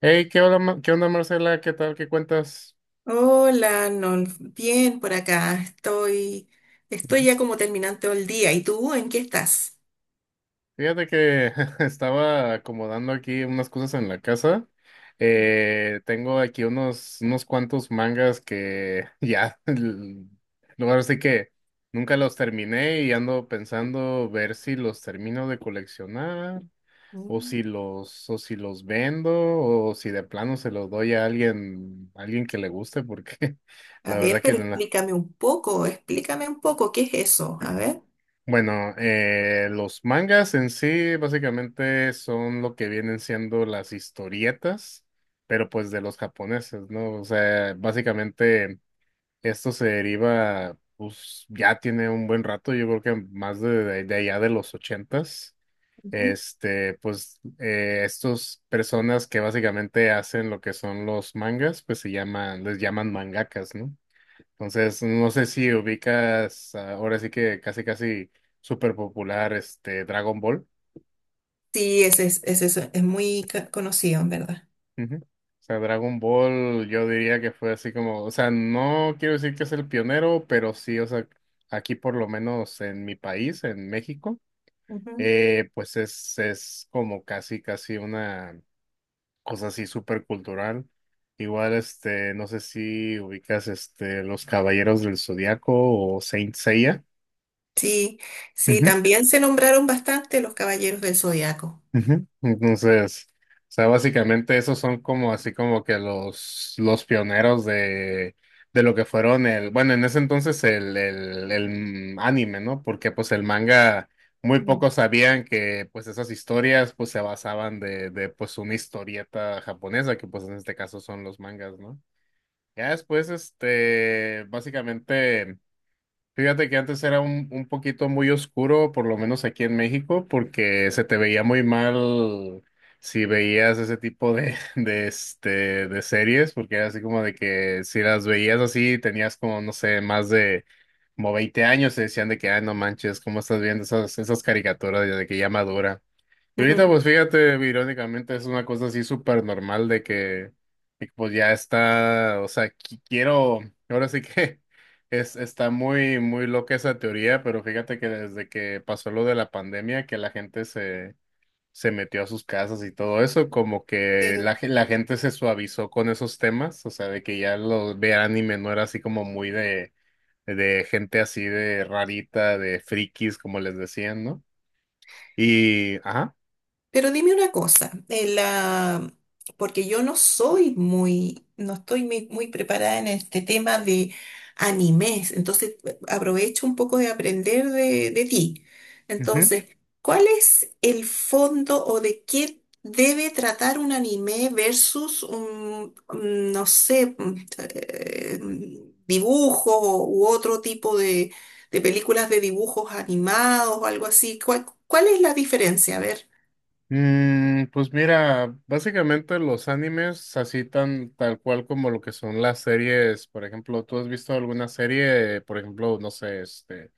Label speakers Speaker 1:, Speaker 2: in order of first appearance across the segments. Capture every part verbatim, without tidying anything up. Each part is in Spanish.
Speaker 1: Hey, ¿qué onda, Ma- qué onda, Marcela? ¿Qué tal? ¿Qué cuentas?
Speaker 2: Hola, Nolf. Bien por acá. Estoy, estoy
Speaker 1: Ujú.
Speaker 2: ya como terminando el día. ¿Y tú en qué estás?
Speaker 1: Fíjate que estaba acomodando aquí unas cosas en la casa. Eh, tengo aquí unos, unos cuantos mangas que ya, l- no, ahora sí que nunca los terminé y ando pensando ver si los termino de coleccionar o
Speaker 2: Mm.
Speaker 1: si los, o si los vendo o si de plano se los doy a alguien, a alguien que le guste porque
Speaker 2: A
Speaker 1: la
Speaker 2: ver,
Speaker 1: verdad que
Speaker 2: pero
Speaker 1: no.
Speaker 2: explícame un poco, explícame un poco qué es eso. A ver.
Speaker 1: Bueno, eh, los mangas en sí básicamente son lo que vienen siendo las historietas, pero pues de los japoneses, ¿no? O sea, básicamente esto se deriva, pues ya tiene un buen rato, yo creo que más de, de- de allá de los ochentas,
Speaker 2: Ujú.
Speaker 1: este, pues eh, estas personas que básicamente hacen lo que son los mangas, pues se llaman, les llaman mangakas, ¿no? Entonces, no sé si ubicas ah, ahora sí que casi casi súper popular este Dragon Ball.
Speaker 2: Sí, ese es, ese es, es muy ca- conocido, en verdad.
Speaker 1: Ujú. O sea, Dragon Ball yo diría que fue así como, o sea, no quiero decir que es el pionero, pero sí, o sea, aquí por lo menos en mi país, en México,
Speaker 2: Ujú.
Speaker 1: eh, pues es, es como casi casi una cosa así súper cultural. Igual, este, no sé si ubicas este Los Caballeros del Zodiaco o Saint Seiya.
Speaker 2: Sí, sí, también se nombraron bastante los Caballeros del Zodiaco.
Speaker 1: Ujú. Entonces, o sea, básicamente esos son como así como que los, los pioneros de, de lo que fueron el, bueno, en ese entonces el, el, el anime, ¿no? Porque pues el manga, muy
Speaker 2: Mm.
Speaker 1: pocos sabían que pues esas historias pues se basaban de, de pues una historieta japonesa, que pues en este caso son los mangas, ¿no? Ya después, este, básicamente... Fíjate que antes era un, un poquito muy oscuro, por lo menos aquí en México, porque se te veía muy mal si veías ese tipo de, de, este, de series, porque era así como de que si las veías así, tenías como, no sé, más de como veinte años, se decían de que, ay, no manches, ¿cómo estás viendo esas, esas caricaturas de que ya madura? Ahorita, pues fíjate, irónicamente es una cosa así súper normal de que, de que, pues ya está, o sea, qui- quiero, ahora sí que es, está muy, muy loca esa teoría, pero fíjate que desde que pasó lo de la pandemia, que la gente se, se metió a sus casas y todo eso, como que la, ge- la gente se suavizó con esos temas, o sea, de que ya lo de anime no era así como muy de, de gente así de rarita, de frikis, como les decían, ¿no? Y, ajá.
Speaker 2: Pero dime una cosa, en la- porque yo no soy muy, no estoy muy, muy preparada en este tema de animes, entonces eh, aprovecho un poco de aprender de, de ti. Entonces, ¿cuál es el fondo o de qué debe tratar un anime versus un, mm, no sé, mm, eh, mm, dibujo u otro tipo de, de películas de dibujos animados o algo así? ¿Cuál, cuál es la diferencia? A ver.
Speaker 1: Mm, pues mira, básicamente los animes así tan tal cual como lo que son las series, por ejemplo, ¿tú has visto alguna serie, por ejemplo, no sé, este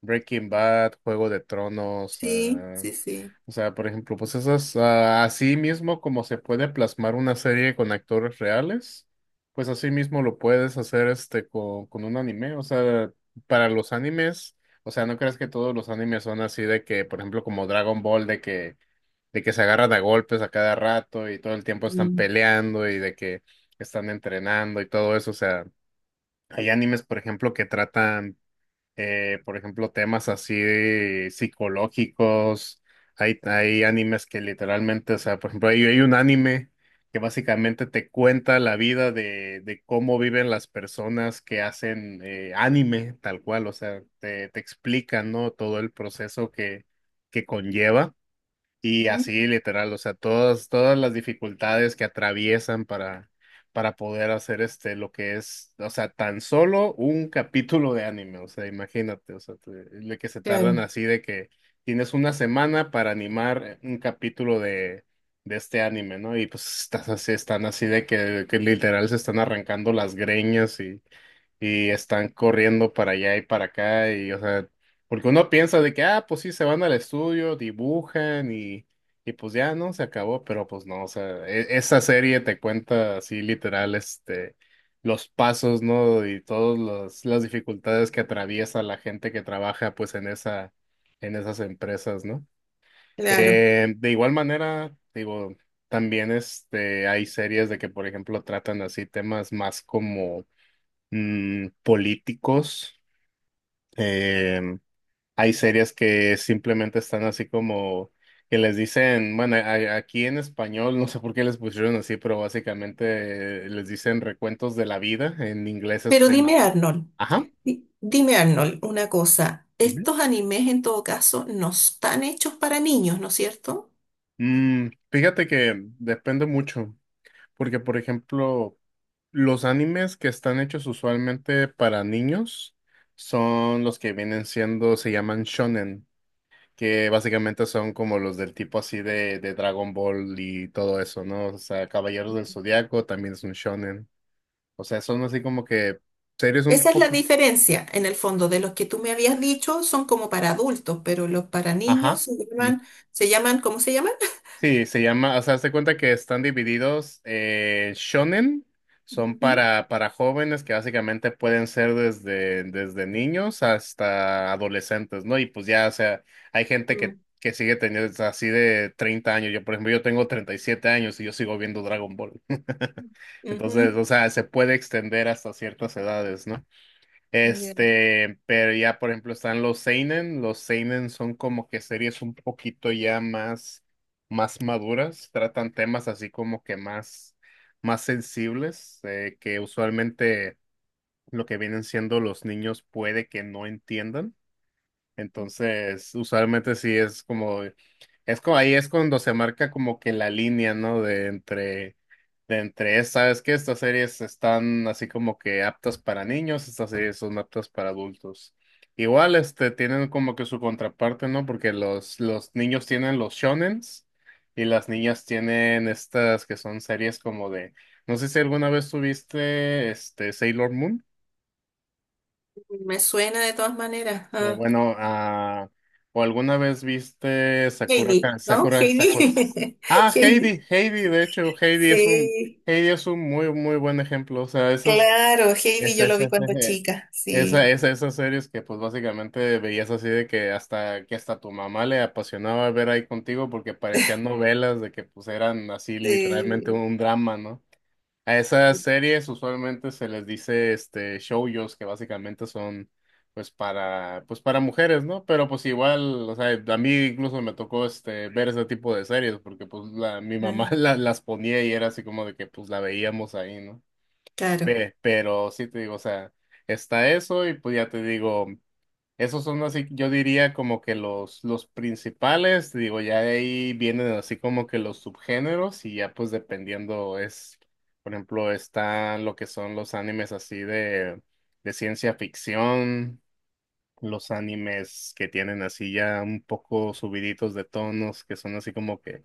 Speaker 1: Breaking Bad, Juego de Tronos,
Speaker 2: Sí,
Speaker 1: ah,
Speaker 2: sí, sí.
Speaker 1: o sea, por ejemplo, pues esas ah, así mismo como se puede plasmar una serie con actores reales, pues así mismo lo puedes hacer este con, con un anime, o sea, para los animes, o sea, no creas que todos los animes son así de que, por ejemplo, como Dragon Ball de que de que se agarran a golpes a cada rato y todo el tiempo están
Speaker 2: Mm.
Speaker 1: peleando y de que están entrenando y todo eso. O sea, hay animes, por ejemplo, que tratan, eh, por ejemplo, temas así de psicológicos. Hay, hay animes que literalmente, o sea, por ejemplo, hay, hay un anime que básicamente te cuenta la vida de, de cómo viven las personas que hacen eh, anime, tal cual, o sea, te, te explican, ¿no? Todo el proceso que, que conlleva. Y
Speaker 2: Ujú.
Speaker 1: así, literal, o sea, todas, todas las dificultades que atraviesan para, para poder hacer este, lo que es, o sea, tan solo un capítulo de anime, o sea, imagínate, o sea, te- de que se tardan
Speaker 2: Claro,
Speaker 1: así de que tienes una semana para animar un capítulo de, de este anime, ¿no? Y pues estás así, están así de que, que literal se están arrancando las greñas y y están corriendo para allá y para acá y, o sea, porque uno piensa de que, ah, pues sí, se van al estudio, dibujan y, y pues ya, ¿no? Se acabó, pero pues no, o sea, e- esa serie te cuenta así literal, este, los pasos, ¿no? Y todas las las dificultades que atraviesa la gente que trabaja, pues, en esa, en esas empresas, ¿no?
Speaker 2: claro.
Speaker 1: Eh, de igual manera, digo, también, este, hay series de que, por ejemplo, tratan así temas más como mm, políticos. Em, hay series que simplemente están así como que les dicen, bueno, a- aquí en español, no sé por qué les pusieron así, pero básicamente eh, les dicen recuentos de la vida. En inglés es
Speaker 2: Pero dime,
Speaker 1: como,
Speaker 2: Arnold,
Speaker 1: ajá.
Speaker 2: di- dime, Arnold, una cosa.
Speaker 1: Ujú.
Speaker 2: Estos animes, en todo caso, no están hechos para niños, ¿no es cierto?
Speaker 1: Mm, fíjate que depende mucho, porque por ejemplo, los animes que están hechos usualmente para niños son los que vienen siendo, se llaman shonen, que básicamente son como los del tipo así de, de Dragon Ball y todo eso, ¿no? O sea, Caballeros del Zodiaco también es un shonen. O sea, son así como que series un
Speaker 2: Esa es la
Speaker 1: poquito.
Speaker 2: diferencia, en el fondo, de los que tú me habías dicho son como para adultos, pero los para niños
Speaker 1: Ajá.
Speaker 2: se llaman, se llaman, ¿cómo se llaman?
Speaker 1: Sí, se llama, o sea, se cuenta que están divididos eh, shonen, son para, para jóvenes que básicamente pueden ser desde, desde niños hasta adolescentes, ¿no? Y pues ya, o sea, hay gente que,
Speaker 2: Ujú,
Speaker 1: que sigue teniendo o sea, así de treinta años. Yo, por ejemplo, yo tengo treinta y siete años y yo sigo viendo Dragon Ball.
Speaker 2: mm,
Speaker 1: Entonces,
Speaker 2: ujú.
Speaker 1: o sea, se puede extender hasta ciertas edades, ¿no?
Speaker 2: Ya.
Speaker 1: Este, pero ya por ejemplo están los seinen, los seinen son como que series un poquito ya más más maduras, tratan temas así como que más más sensibles eh, que usualmente lo que vienen siendo los niños puede que no entiendan. Entonces, usualmente sí es como es como ahí es cuando se marca como que la línea, ¿no? De entre de entre, sabes que estas series están así como que aptas para niños, estas series son aptas para adultos. Igual, este, tienen como que su contraparte, ¿no? Porque los, los niños tienen los shonens y las niñas tienen estas que son series como de, no sé si alguna vez tuviste, este, Sailor Moon.
Speaker 2: Me suena de todas maneras.
Speaker 1: Eh, bueno, ah, o alguna vez viste Sakura,
Speaker 2: Heidi,
Speaker 1: Ka-
Speaker 2: ¿no?
Speaker 1: Sakura, Sakura.
Speaker 2: Heidi.
Speaker 1: Ah,
Speaker 2: Heidi.
Speaker 1: Heidi, Heidi, de hecho, Heidi es un,
Speaker 2: Sí,
Speaker 1: Heidi es un muy, muy buen ejemplo. O sea, esas,
Speaker 2: claro, Heidi
Speaker 1: Es,
Speaker 2: yo lo
Speaker 1: es-
Speaker 2: vi
Speaker 1: es-
Speaker 2: cuando
Speaker 1: es-
Speaker 2: chica,
Speaker 1: esa,
Speaker 2: sí.
Speaker 1: esa, esas series que pues básicamente veías así de que hasta que hasta tu mamá le apasionaba ver ahí contigo porque parecían novelas de que pues eran así literalmente
Speaker 2: Eh,
Speaker 1: un drama, ¿no? A esas series usualmente se les dice este shoujos que básicamente son pues para pues para mujeres, ¿no? Pero pues igual, o sea, a mí incluso me tocó este ver ese tipo de series porque pues la, mi
Speaker 2: ah,
Speaker 1: mamá la- las ponía y era así como de que pues la veíamos ahí, ¿no?
Speaker 2: claro,
Speaker 1: Ve, pero sí te digo, o sea, está eso y pues ya te digo, esos son así, yo diría como que los, los principales, te digo, ya de ahí vienen así como que los subgéneros y ya pues dependiendo es, por ejemplo, están lo que son los animes así de, de ciencia ficción, los animes que tienen así ya un poco subiditos de tonos, que son así como que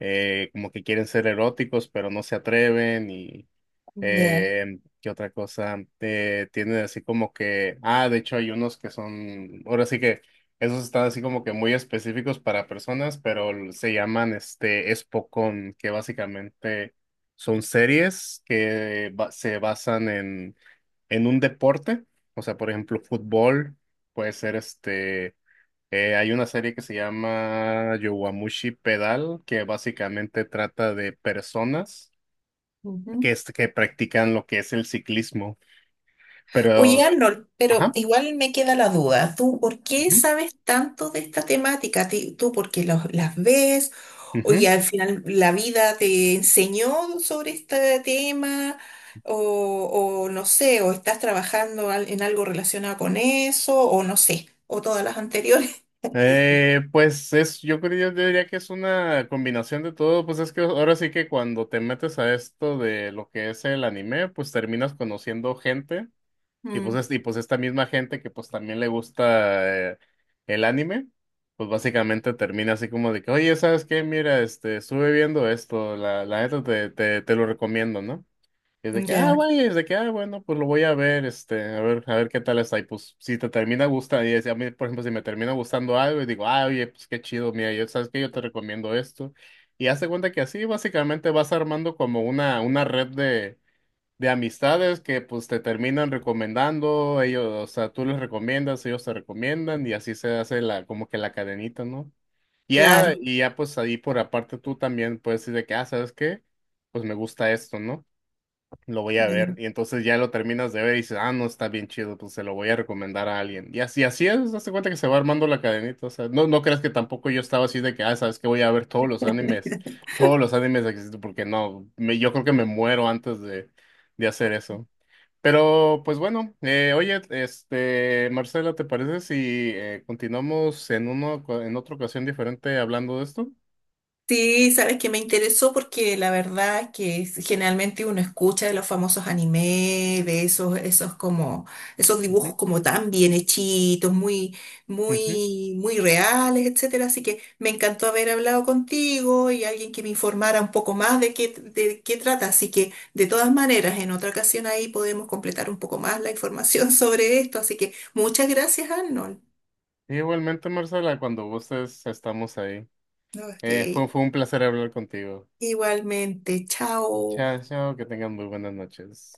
Speaker 1: eh, como que quieren ser eróticos, pero no se atreven y
Speaker 2: ya.
Speaker 1: eh, ¿qué otra cosa? Eh, tienen así como que, ah, de hecho hay unos que son, ahora sí que esos están así como que muy específicos para personas, pero l- se llaman este Espocón, que básicamente son series que ba- se basan en en un deporte, o sea, por ejemplo, fútbol, puede ser este. Eh, hay una serie que se llama Yowamushi Pedal, que básicamente trata de personas que,
Speaker 2: Ujú.
Speaker 1: es- que practican lo que es el ciclismo.
Speaker 2: Oye,
Speaker 1: Pero,
Speaker 2: Arnold, pero
Speaker 1: ajá.
Speaker 2: igual me queda la duda. ¿Tú por qué
Speaker 1: Ujú,
Speaker 2: sabes tanto de esta temática? Ti- ¿Tú porque los- las ves? Oye,
Speaker 1: ujú.
Speaker 2: al final la vida te enseñó sobre este tema, o, o no sé, o estás trabajando al- en algo relacionado con eso, o no sé, o todas las anteriores.
Speaker 1: Eh, pues es, yo creo, yo diría que es una combinación de todo. Pues es que ahora sí que cuando te metes a esto de lo que es el anime, pues terminas conociendo gente. Y pues,
Speaker 2: Mm,
Speaker 1: es- y pues esta misma gente que pues también le gusta eh, el anime, pues básicamente termina así como de que, oye, ¿sabes qué? Mira, este, estuve viendo esto, la, la neta te, te, te lo recomiendo, ¿no? Y es de que, ah,
Speaker 2: ya,
Speaker 1: güey, es de que, ah, bueno, pues lo voy a ver, este, a ver, a ver qué tal está. Y pues si te termina gustando, y es- a mí, por ejemplo, si me termina gustando algo y digo, ah, oye, pues qué chido, mira, yo, ¿sabes qué? Yo te recomiendo esto. Y hace cuenta que así básicamente vas armando como una, una red de amistades que pues te terminan recomendando, ellos, o sea, tú les recomiendas, ellos te recomiendan y así se hace la, como que la cadenita, ¿no? Y ya,
Speaker 2: claro.
Speaker 1: y ya pues ahí por aparte tú también puedes decir de que, ah, ¿sabes qué? Pues me gusta esto, ¿no? Lo voy a ver. Y entonces ya lo terminas de ver y dices, ah, no, está bien chido, pues se lo voy a recomendar a alguien. Y así, así es, hazte cuenta que se va armando la cadenita. O sea, no, no creas que tampoco yo estaba así de que, ah, ¿sabes qué? Voy a ver todos los animes, todos los animes que existen, porque no, me- yo creo que me muero antes de de hacer eso. Pero pues bueno, eh, oye, este, Marcela, ¿te parece si eh, continuamos en uno, en otra ocasión diferente hablando de esto?
Speaker 2: Sí, sabes que me interesó porque la verdad es que generalmente uno escucha de los famosos anime, de esos, esos como, esos dibujos
Speaker 1: Ujú,
Speaker 2: como tan bien hechitos, muy,
Speaker 1: ujú.
Speaker 2: muy, muy reales, etcétera. Así que me encantó haber hablado contigo y alguien que me informara un poco más de qué, de qué trata. Así que de todas maneras, en otra ocasión ahí podemos completar un poco más la información sobre esto. Así que muchas gracias, Arnold.
Speaker 1: Igualmente, Marcela, cuando gustes, estamos ahí.
Speaker 2: No, es
Speaker 1: Eh, fue,
Speaker 2: que
Speaker 1: fue un placer hablar contigo.
Speaker 2: igualmente, chao.
Speaker 1: Chao, chao, que tengan muy buenas noches.